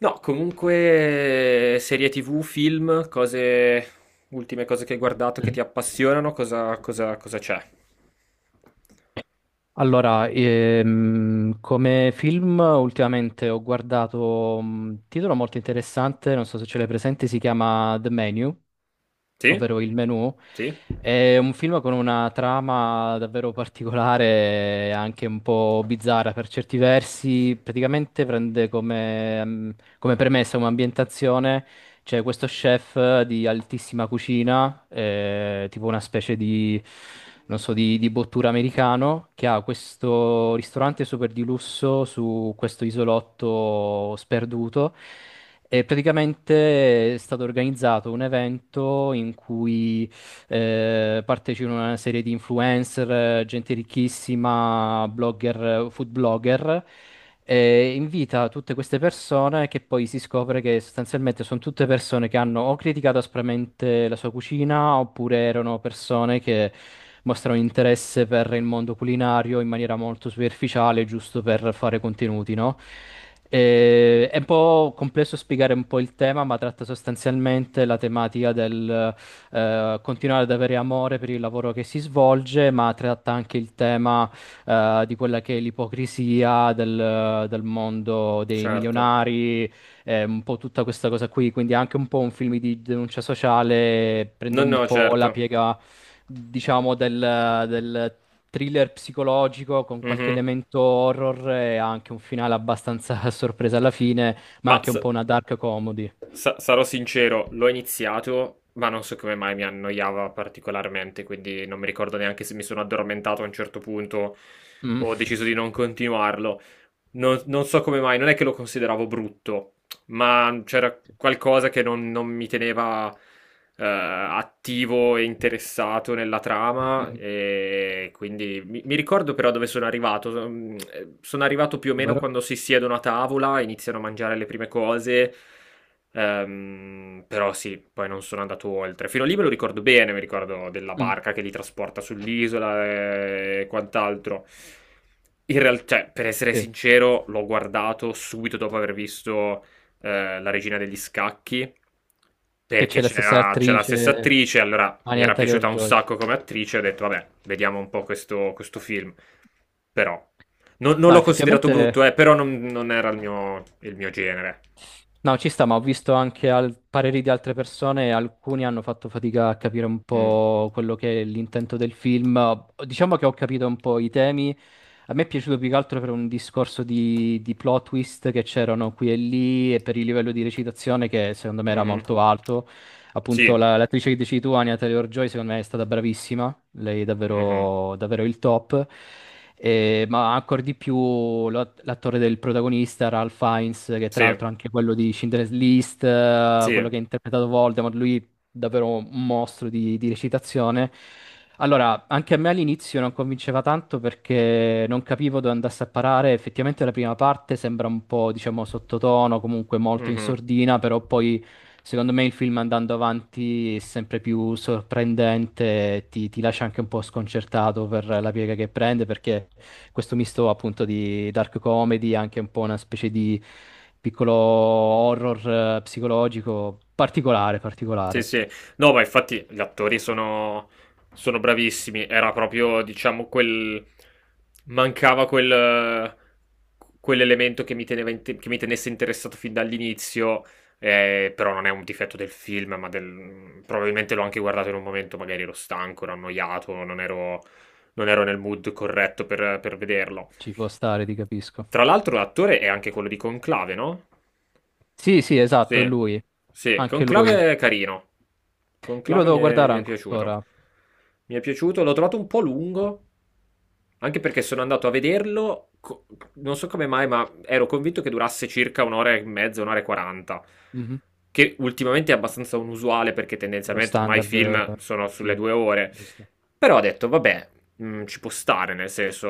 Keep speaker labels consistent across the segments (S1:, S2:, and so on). S1: No, comunque serie TV, film, cose, ultime cose che hai guardato che
S2: Mm.
S1: ti appassionano, cosa c'è?
S2: Allora, come film ultimamente ho guardato un titolo molto interessante, non so se ce l'hai presente, si chiama The Menu,
S1: Sì?
S2: ovvero Il Menù.
S1: Sì?
S2: È un film con una trama davvero particolare, anche un po' bizzarra per certi versi. Praticamente prende come, come premessa un'ambientazione. C'è questo chef di altissima cucina, tipo una specie di, non so, di bottura americano, che ha questo ristorante super di lusso su questo isolotto sperduto. E praticamente è stato organizzato un evento in cui partecipano a una serie di influencer, gente ricchissima, blogger, food blogger. E invita tutte queste persone che poi si scopre che sostanzialmente sono tutte persone che hanno o criticato aspramente la sua cucina oppure erano persone che mostrano interesse per il mondo culinario in maniera molto superficiale, giusto per fare contenuti, no? È un po' complesso spiegare un po' il tema, ma tratta sostanzialmente la tematica del continuare ad avere amore per il lavoro che si svolge, ma tratta anche il tema di quella che è l'ipocrisia del mondo dei
S1: Certo.
S2: milionari, un po' tutta questa cosa qui, quindi è anche un po' un film di denuncia sociale, prende
S1: No,
S2: un
S1: no,
S2: po' la
S1: certo.
S2: piega diciamo, del, del thriller psicologico con qualche
S1: Mhm.
S2: elemento horror e anche un finale abbastanza a sorpresa alla fine, ma
S1: Ma
S2: anche un
S1: sa-
S2: po' una dark comedy.
S1: Sarò sincero, l'ho iniziato, ma non so come mai mi annoiava particolarmente, quindi non mi ricordo neanche se mi sono addormentato a un certo punto
S2: Mm.
S1: o ho deciso di non continuarlo. Non so come mai, non è che lo consideravo brutto, ma c'era qualcosa che non mi teneva attivo e interessato nella trama
S2: Mhm.
S1: e quindi mi ricordo però dove sono arrivato. Sono arrivato più o meno
S2: Vero?
S1: quando si siedono a tavola, iniziano a mangiare le prime cose. Però sì, poi non sono andato oltre. Fino a lì me lo ricordo bene, mi ricordo della
S2: Mm,
S1: barca che li trasporta sull'isola e quant'altro. In realtà, per essere
S2: sì.
S1: sincero, l'ho guardato subito dopo aver visto La regina degli scacchi,
S2: Che
S1: perché
S2: c'è la stessa
S1: c'era la stessa
S2: attrice,
S1: attrice, allora mi
S2: Anya
S1: era piaciuta un
S2: Taylor-Joy.
S1: sacco come attrice, ho detto vabbè, vediamo un po' questo film. Però, non
S2: No,
S1: l'ho considerato brutto,
S2: effettivamente
S1: però non era il mio genere.
S2: no, ci sta, ma ho visto anche pareri di altre persone, e alcuni hanno fatto fatica a capire un
S1: Mm.
S2: po' quello che è l'intento del film. Diciamo che ho capito un po' i temi. A me è piaciuto più che altro per un discorso di plot twist che c'erano qui e lì e per il livello di recitazione che secondo me era
S1: Mhm.
S2: molto alto,
S1: Sì.
S2: appunto l'attrice che dici tu, Anya Taylor-Joy, secondo me è stata bravissima, lei è
S1: Mhm.
S2: davvero, davvero il top. Ma ancora di più l'attore del protagonista, Ralph Fiennes, che tra
S1: Sì.
S2: l'altro è anche quello di Schindler's List,
S1: Sì.
S2: quello che ha interpretato Voldemort, lui davvero un mostro di recitazione. Allora, anche a me all'inizio non convinceva tanto perché non capivo dove andasse a parare. Effettivamente la prima parte sembra un po', diciamo, sottotono, comunque molto in
S1: Mhm.
S2: sordina, però poi secondo me il film andando avanti è sempre più sorprendente, ti lascia anche un po' sconcertato per la piega che prende, perché questo misto appunto di dark comedy, anche un po' una specie di piccolo horror psicologico particolare,
S1: Sì,
S2: particolare.
S1: sì. No, ma infatti gli attori sono, sono bravissimi. Era proprio, diciamo, quel... Mancava quel... quell'elemento che mi teneva inte- che mi tenesse interessato fin dall'inizio. Però non è un difetto del film, ma del... probabilmente l'ho anche guardato in un momento, magari ero stanco, ero annoiato, non ero nel mood corretto per vederlo.
S2: Ci può stare, ti capisco.
S1: Tra l'altro l'attore è anche quello di Conclave, no?
S2: Sì, sì, esatto, è
S1: Sì,
S2: lui.
S1: sì,
S2: Anche lui.
S1: Conclave è carino.
S2: Io lo
S1: Conclave
S2: devo guardare
S1: mi è piaciuto.
S2: ancora.
S1: Mi è piaciuto, l'ho trovato un po' lungo, anche perché sono andato a vederlo, non so come mai, ma ero convinto che durasse circa un'ora e mezza, un'ora e quaranta
S2: Mhm.
S1: che ultimamente è abbastanza unusuale perché
S2: Lo
S1: tendenzialmente ormai i
S2: standard
S1: film sono
S2: dei
S1: sulle
S2: film,
S1: due ore.
S2: giusto?
S1: Però ho detto, vabbè, ci può stare, nel senso...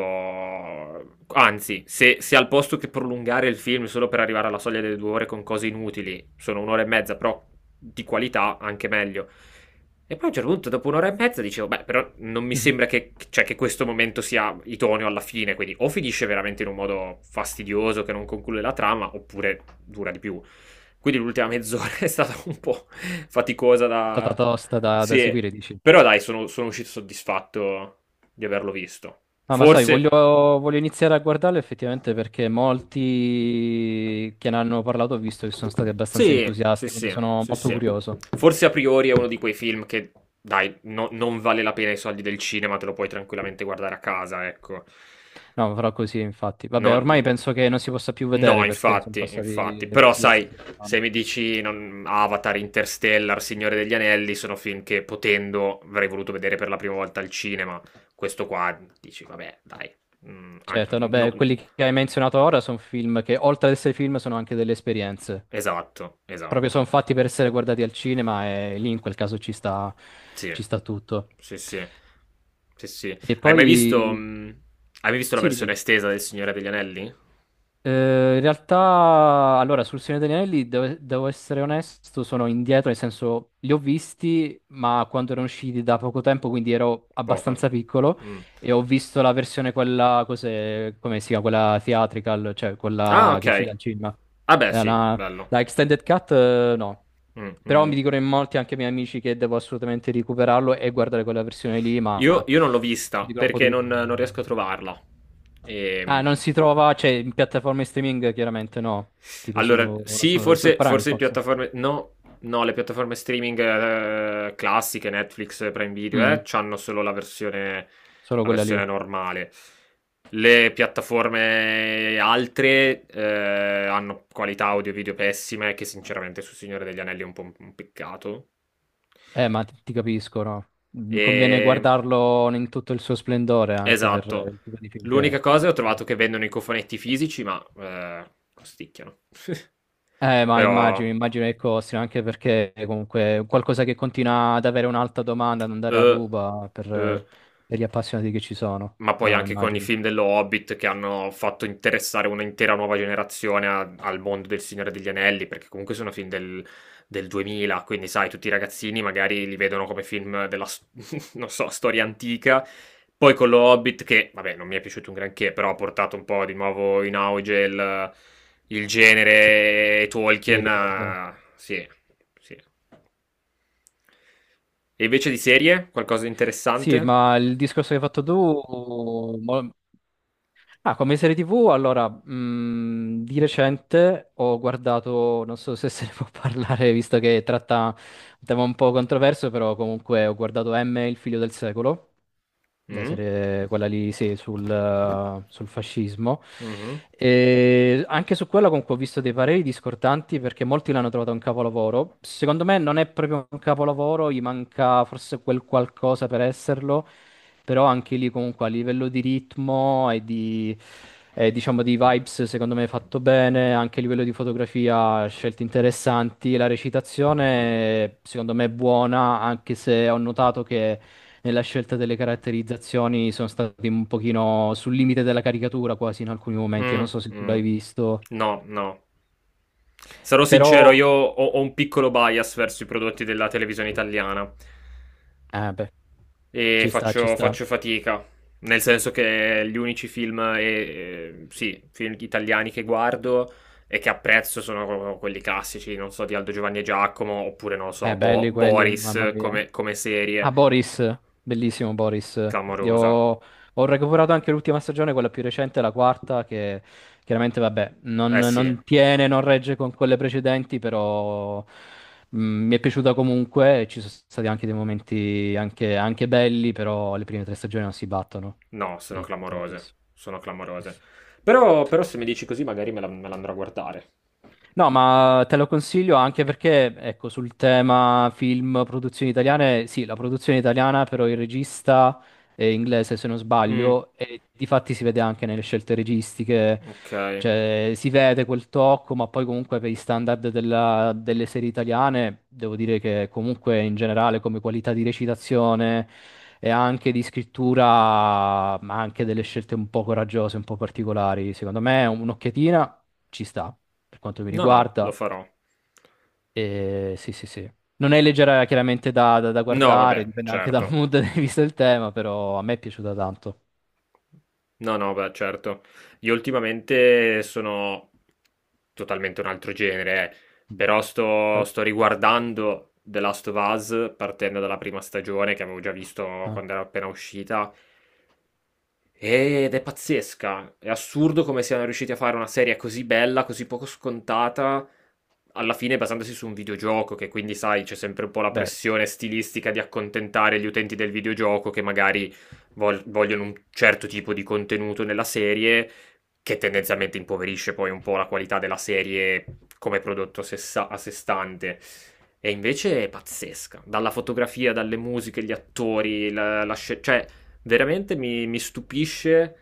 S1: Anzi, se al posto che prolungare il film solo per arrivare alla soglia delle due ore con cose inutili, sono un'ora e mezza, però di qualità anche meglio. E poi a un certo punto, dopo un'ora e mezza, dicevo, beh, però non mi
S2: Mhm.
S1: sembra che, cioè, che questo momento sia idoneo alla fine, quindi o finisce veramente in un modo fastidioso che non conclude la trama, oppure dura di più. Quindi l'ultima mezz'ora è stata un po' faticosa
S2: È stata
S1: da...
S2: tosta da, da
S1: Sì,
S2: seguire, dici.
S1: però dai, sono, sono uscito soddisfatto di averlo visto.
S2: Ah, ma sai, voglio,
S1: Forse...
S2: voglio iniziare a guardarlo effettivamente perché molti che ne hanno parlato ho visto che sono stati abbastanza
S1: Sì, sì,
S2: entusiasti, quindi
S1: sì,
S2: sono
S1: sì,
S2: molto
S1: sì.
S2: curioso.
S1: Forse a priori è uno di quei film che, dai, non vale la pena i soldi del cinema, te lo puoi tranquillamente guardare a casa, ecco.
S2: No, farò così, infatti. Vabbè,
S1: No,
S2: ormai penso che non si possa più
S1: no,
S2: vedere perché sono
S1: infatti, infatti.
S2: passati
S1: Però
S2: diverse
S1: sai,
S2: settimane.
S1: se mi dici Avatar, Interstellar, Signore degli Anelli, sono film che potendo avrei voluto vedere per la prima volta al cinema. Questo qua dici, vabbè, dai.
S2: Certo, no,
S1: No,
S2: beh, quelli che hai menzionato ora sono film che, oltre ad essere film, sono anche delle esperienze.
S1: esatto,
S2: Proprio sono
S1: esatto.
S2: fatti per essere guardati al cinema e lì in quel caso
S1: Sì,
S2: ci sta tutto.
S1: sì, sì. Sì, sì.
S2: E poi,
S1: Hai mai visto la
S2: sì,
S1: versione
S2: dimmi.
S1: estesa del Signore degli Anelli?
S2: In realtà, allora, sul Signore degli Anelli, devo, devo essere onesto, sono indietro, nel senso, li ho visti, ma quando erano usciti da poco tempo, quindi ero
S1: Poco.
S2: abbastanza piccolo,
S1: Mm.
S2: e ho visto la versione quella, cos'è, come si chiama, quella theatrical, cioè
S1: Ah,
S2: quella
S1: ok.
S2: che è uscita al cinema.
S1: Ah, beh,
S2: È
S1: sì,
S2: una-
S1: bello.
S2: la extended cut, no.
S1: Mm,
S2: Però mi
S1: mm.
S2: dicono in molti, anche i miei amici, che devo assolutamente recuperarlo e guardare quella versione lì, ma
S1: Io
S2: lo
S1: non l'ho vista
S2: dicono un po'
S1: perché
S2: tutti.
S1: non riesco a trovarla.
S2: Ah,
S1: Ehm,
S2: non si trova, cioè, in piattaforme streaming chiaramente no, tipo su, non so, su
S1: Forse,
S2: Prime
S1: forse in
S2: forse.
S1: piattaforme... No, no, le piattaforme streaming classiche, Netflix, Prime Video,
S2: Mm,
S1: c'hanno solo
S2: solo
S1: la
S2: quella lì.
S1: versione normale. Le piattaforme altre hanno qualità audio e video pessime, che sinceramente su Signore degli Anelli è un po' un peccato.
S2: Ma ti, ti capisco, no? Mm,
S1: E...
S2: conviene guardarlo in tutto il suo splendore anche per
S1: Esatto.
S2: il tipo di film che è.
S1: L'unica cosa è ho
S2: Sì.
S1: trovato che vendono i cofonetti fisici, ma costicchiano.
S2: Ma
S1: Però
S2: immagino, immagino che costi, anche perché è comunque è qualcosa che continua ad avere un'alta domanda, ad andare a
S1: eh,
S2: ruba
S1: eh.
S2: per gli appassionati che ci sono.
S1: ma poi
S2: No, no,
S1: anche con i
S2: immagino.
S1: film dello Hobbit che hanno fatto interessare un'intera nuova generazione al mondo del Signore degli Anelli, perché comunque sono film del 2000, quindi sai, tutti i ragazzini magari li vedono come film della, non so, storia antica. Poi con lo Hobbit che, vabbè, non mi è piaciuto un granché, però ha portato un po' di nuovo in auge il
S2: Sì,
S1: genere e
S2: sì,
S1: Tolkien.
S2: ricordo.
S1: Sì, sì. E invece di serie, qualcosa di
S2: Sì,
S1: interessante?
S2: ma il discorso che hai fatto tu, mo- ah, come serie TV, allora, di recente ho guardato, non so se se ne può parlare, visto che tratta un tema un po' controverso, però comunque ho guardato M, il figlio del secolo, la
S1: Mm?
S2: serie, quella lì, sì, sul, sul fascismo.
S1: Mhm.
S2: E anche su quella comunque ho visto dei pareri discordanti perché molti l'hanno trovata un capolavoro. Secondo me non è proprio un capolavoro, gli manca forse quel qualcosa per esserlo, però anche lì comunque a livello di ritmo e di, e diciamo di vibes secondo me è fatto bene, anche a livello di fotografia scelte interessanti, la recitazione secondo me è buona, anche se ho notato che nella scelta delle caratterizzazioni sono stati un pochino sul limite della caricatura quasi in alcuni momenti,
S1: Mm,
S2: non so se tu l'hai
S1: mm.
S2: visto,
S1: No, no. Sarò sincero,
S2: però
S1: ho un piccolo bias verso i prodotti della televisione italiana
S2: eh beh,
S1: e
S2: ci sta, ci sta.
S1: faccio fatica, nel senso che gli unici film, e, sì, film italiani che guardo e che apprezzo sono quelli classici, non so, di Aldo Giovanni e Giacomo, oppure non lo so,
S2: Belli quelli, mamma
S1: Boris
S2: mia.
S1: come, come
S2: Ah,
S1: serie
S2: Boris, bellissimo Boris. Io
S1: clamorosa.
S2: ho, ho recuperato anche l'ultima stagione, quella più recente, la quarta, che chiaramente, vabbè, non,
S1: Eh sì,
S2: non tiene, non regge con quelle precedenti, però mi è piaciuta comunque. Ci sono stati anche dei momenti anche, anche belli, però le prime tre stagioni non si battono
S1: no, sono
S2: di
S1: clamorose,
S2: Boris.
S1: sono clamorose. Però, però se mi dici così magari me la andrò a guardare.
S2: No, ma te lo consiglio anche perché, ecco, sul tema film, produzioni italiane, sì, la produzione italiana, però il regista è inglese, se non
S1: Mh,
S2: sbaglio, e difatti si vede anche nelle scelte registiche,
S1: okay.
S2: cioè si vede quel tocco, ma poi comunque per i standard delle serie italiane, devo dire che comunque in generale come qualità di recitazione e anche di scrittura, ma anche delle scelte un po' coraggiose, un po' particolari, secondo me un'occhiatina ci sta per quanto mi
S1: No, no, lo
S2: riguarda.
S1: farò.
S2: E sì, sì, sì. Non è leggera chiaramente da, da
S1: No,
S2: guardare,
S1: vabbè,
S2: dipende anche dal
S1: certo.
S2: mood visto il tema, però a me è piaciuta tanto.
S1: No, no, beh, certo. Io ultimamente sono totalmente un altro genere,
S2: Mm.
S1: però
S2: Cioè,
S1: sto riguardando The Last of Us partendo dalla prima stagione che avevo già visto
S2: ah,
S1: quando era appena uscita. Ed è pazzesca. È assurdo come siano riusciti a fare una serie così bella, così poco scontata, alla fine basandosi su un videogioco, che quindi, sai, c'è sempre un po' la
S2: beh,
S1: pressione stilistica di accontentare gli utenti del videogioco che magari vogliono un certo tipo di contenuto nella serie, che tendenzialmente impoverisce poi un po' la qualità della serie come prodotto a sé stante. E invece è pazzesca, dalla fotografia, dalle musiche, gli attori, cioè veramente mi stupisce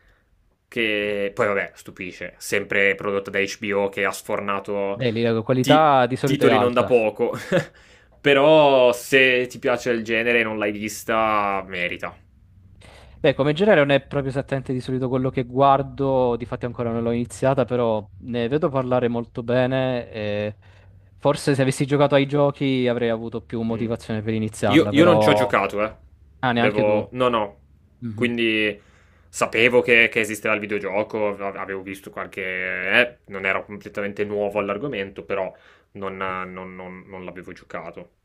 S1: che... Poi vabbè, stupisce, sempre prodotto da HBO che ha sfornato
S2: beh, lì la
S1: ti-
S2: qualità di solito è
S1: titoli non da
S2: alta.
S1: poco, però se ti piace il genere e non l'hai vista, merita.
S2: Beh, come genere non è proprio esattamente di solito quello che guardo, difatti ancora non l'ho iniziata, però ne vedo parlare molto bene e forse se avessi giocato ai giochi avrei avuto più
S1: Mm.
S2: motivazione per iniziarla,
S1: Io non ci ho
S2: però...
S1: giocato, eh.
S2: Ah, neanche tu.
S1: Devo... No, no.
S2: Mhm.
S1: Quindi sapevo che esisteva il videogioco, avevo visto qualche... non ero completamente nuovo all'argomento, però non l'avevo giocato.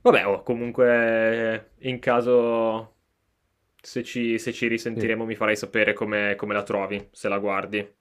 S1: Vabbè, oh, comunque in caso... Se se ci
S2: Sì.
S1: risentiremo mi farai sapere come la trovi, se la guardi.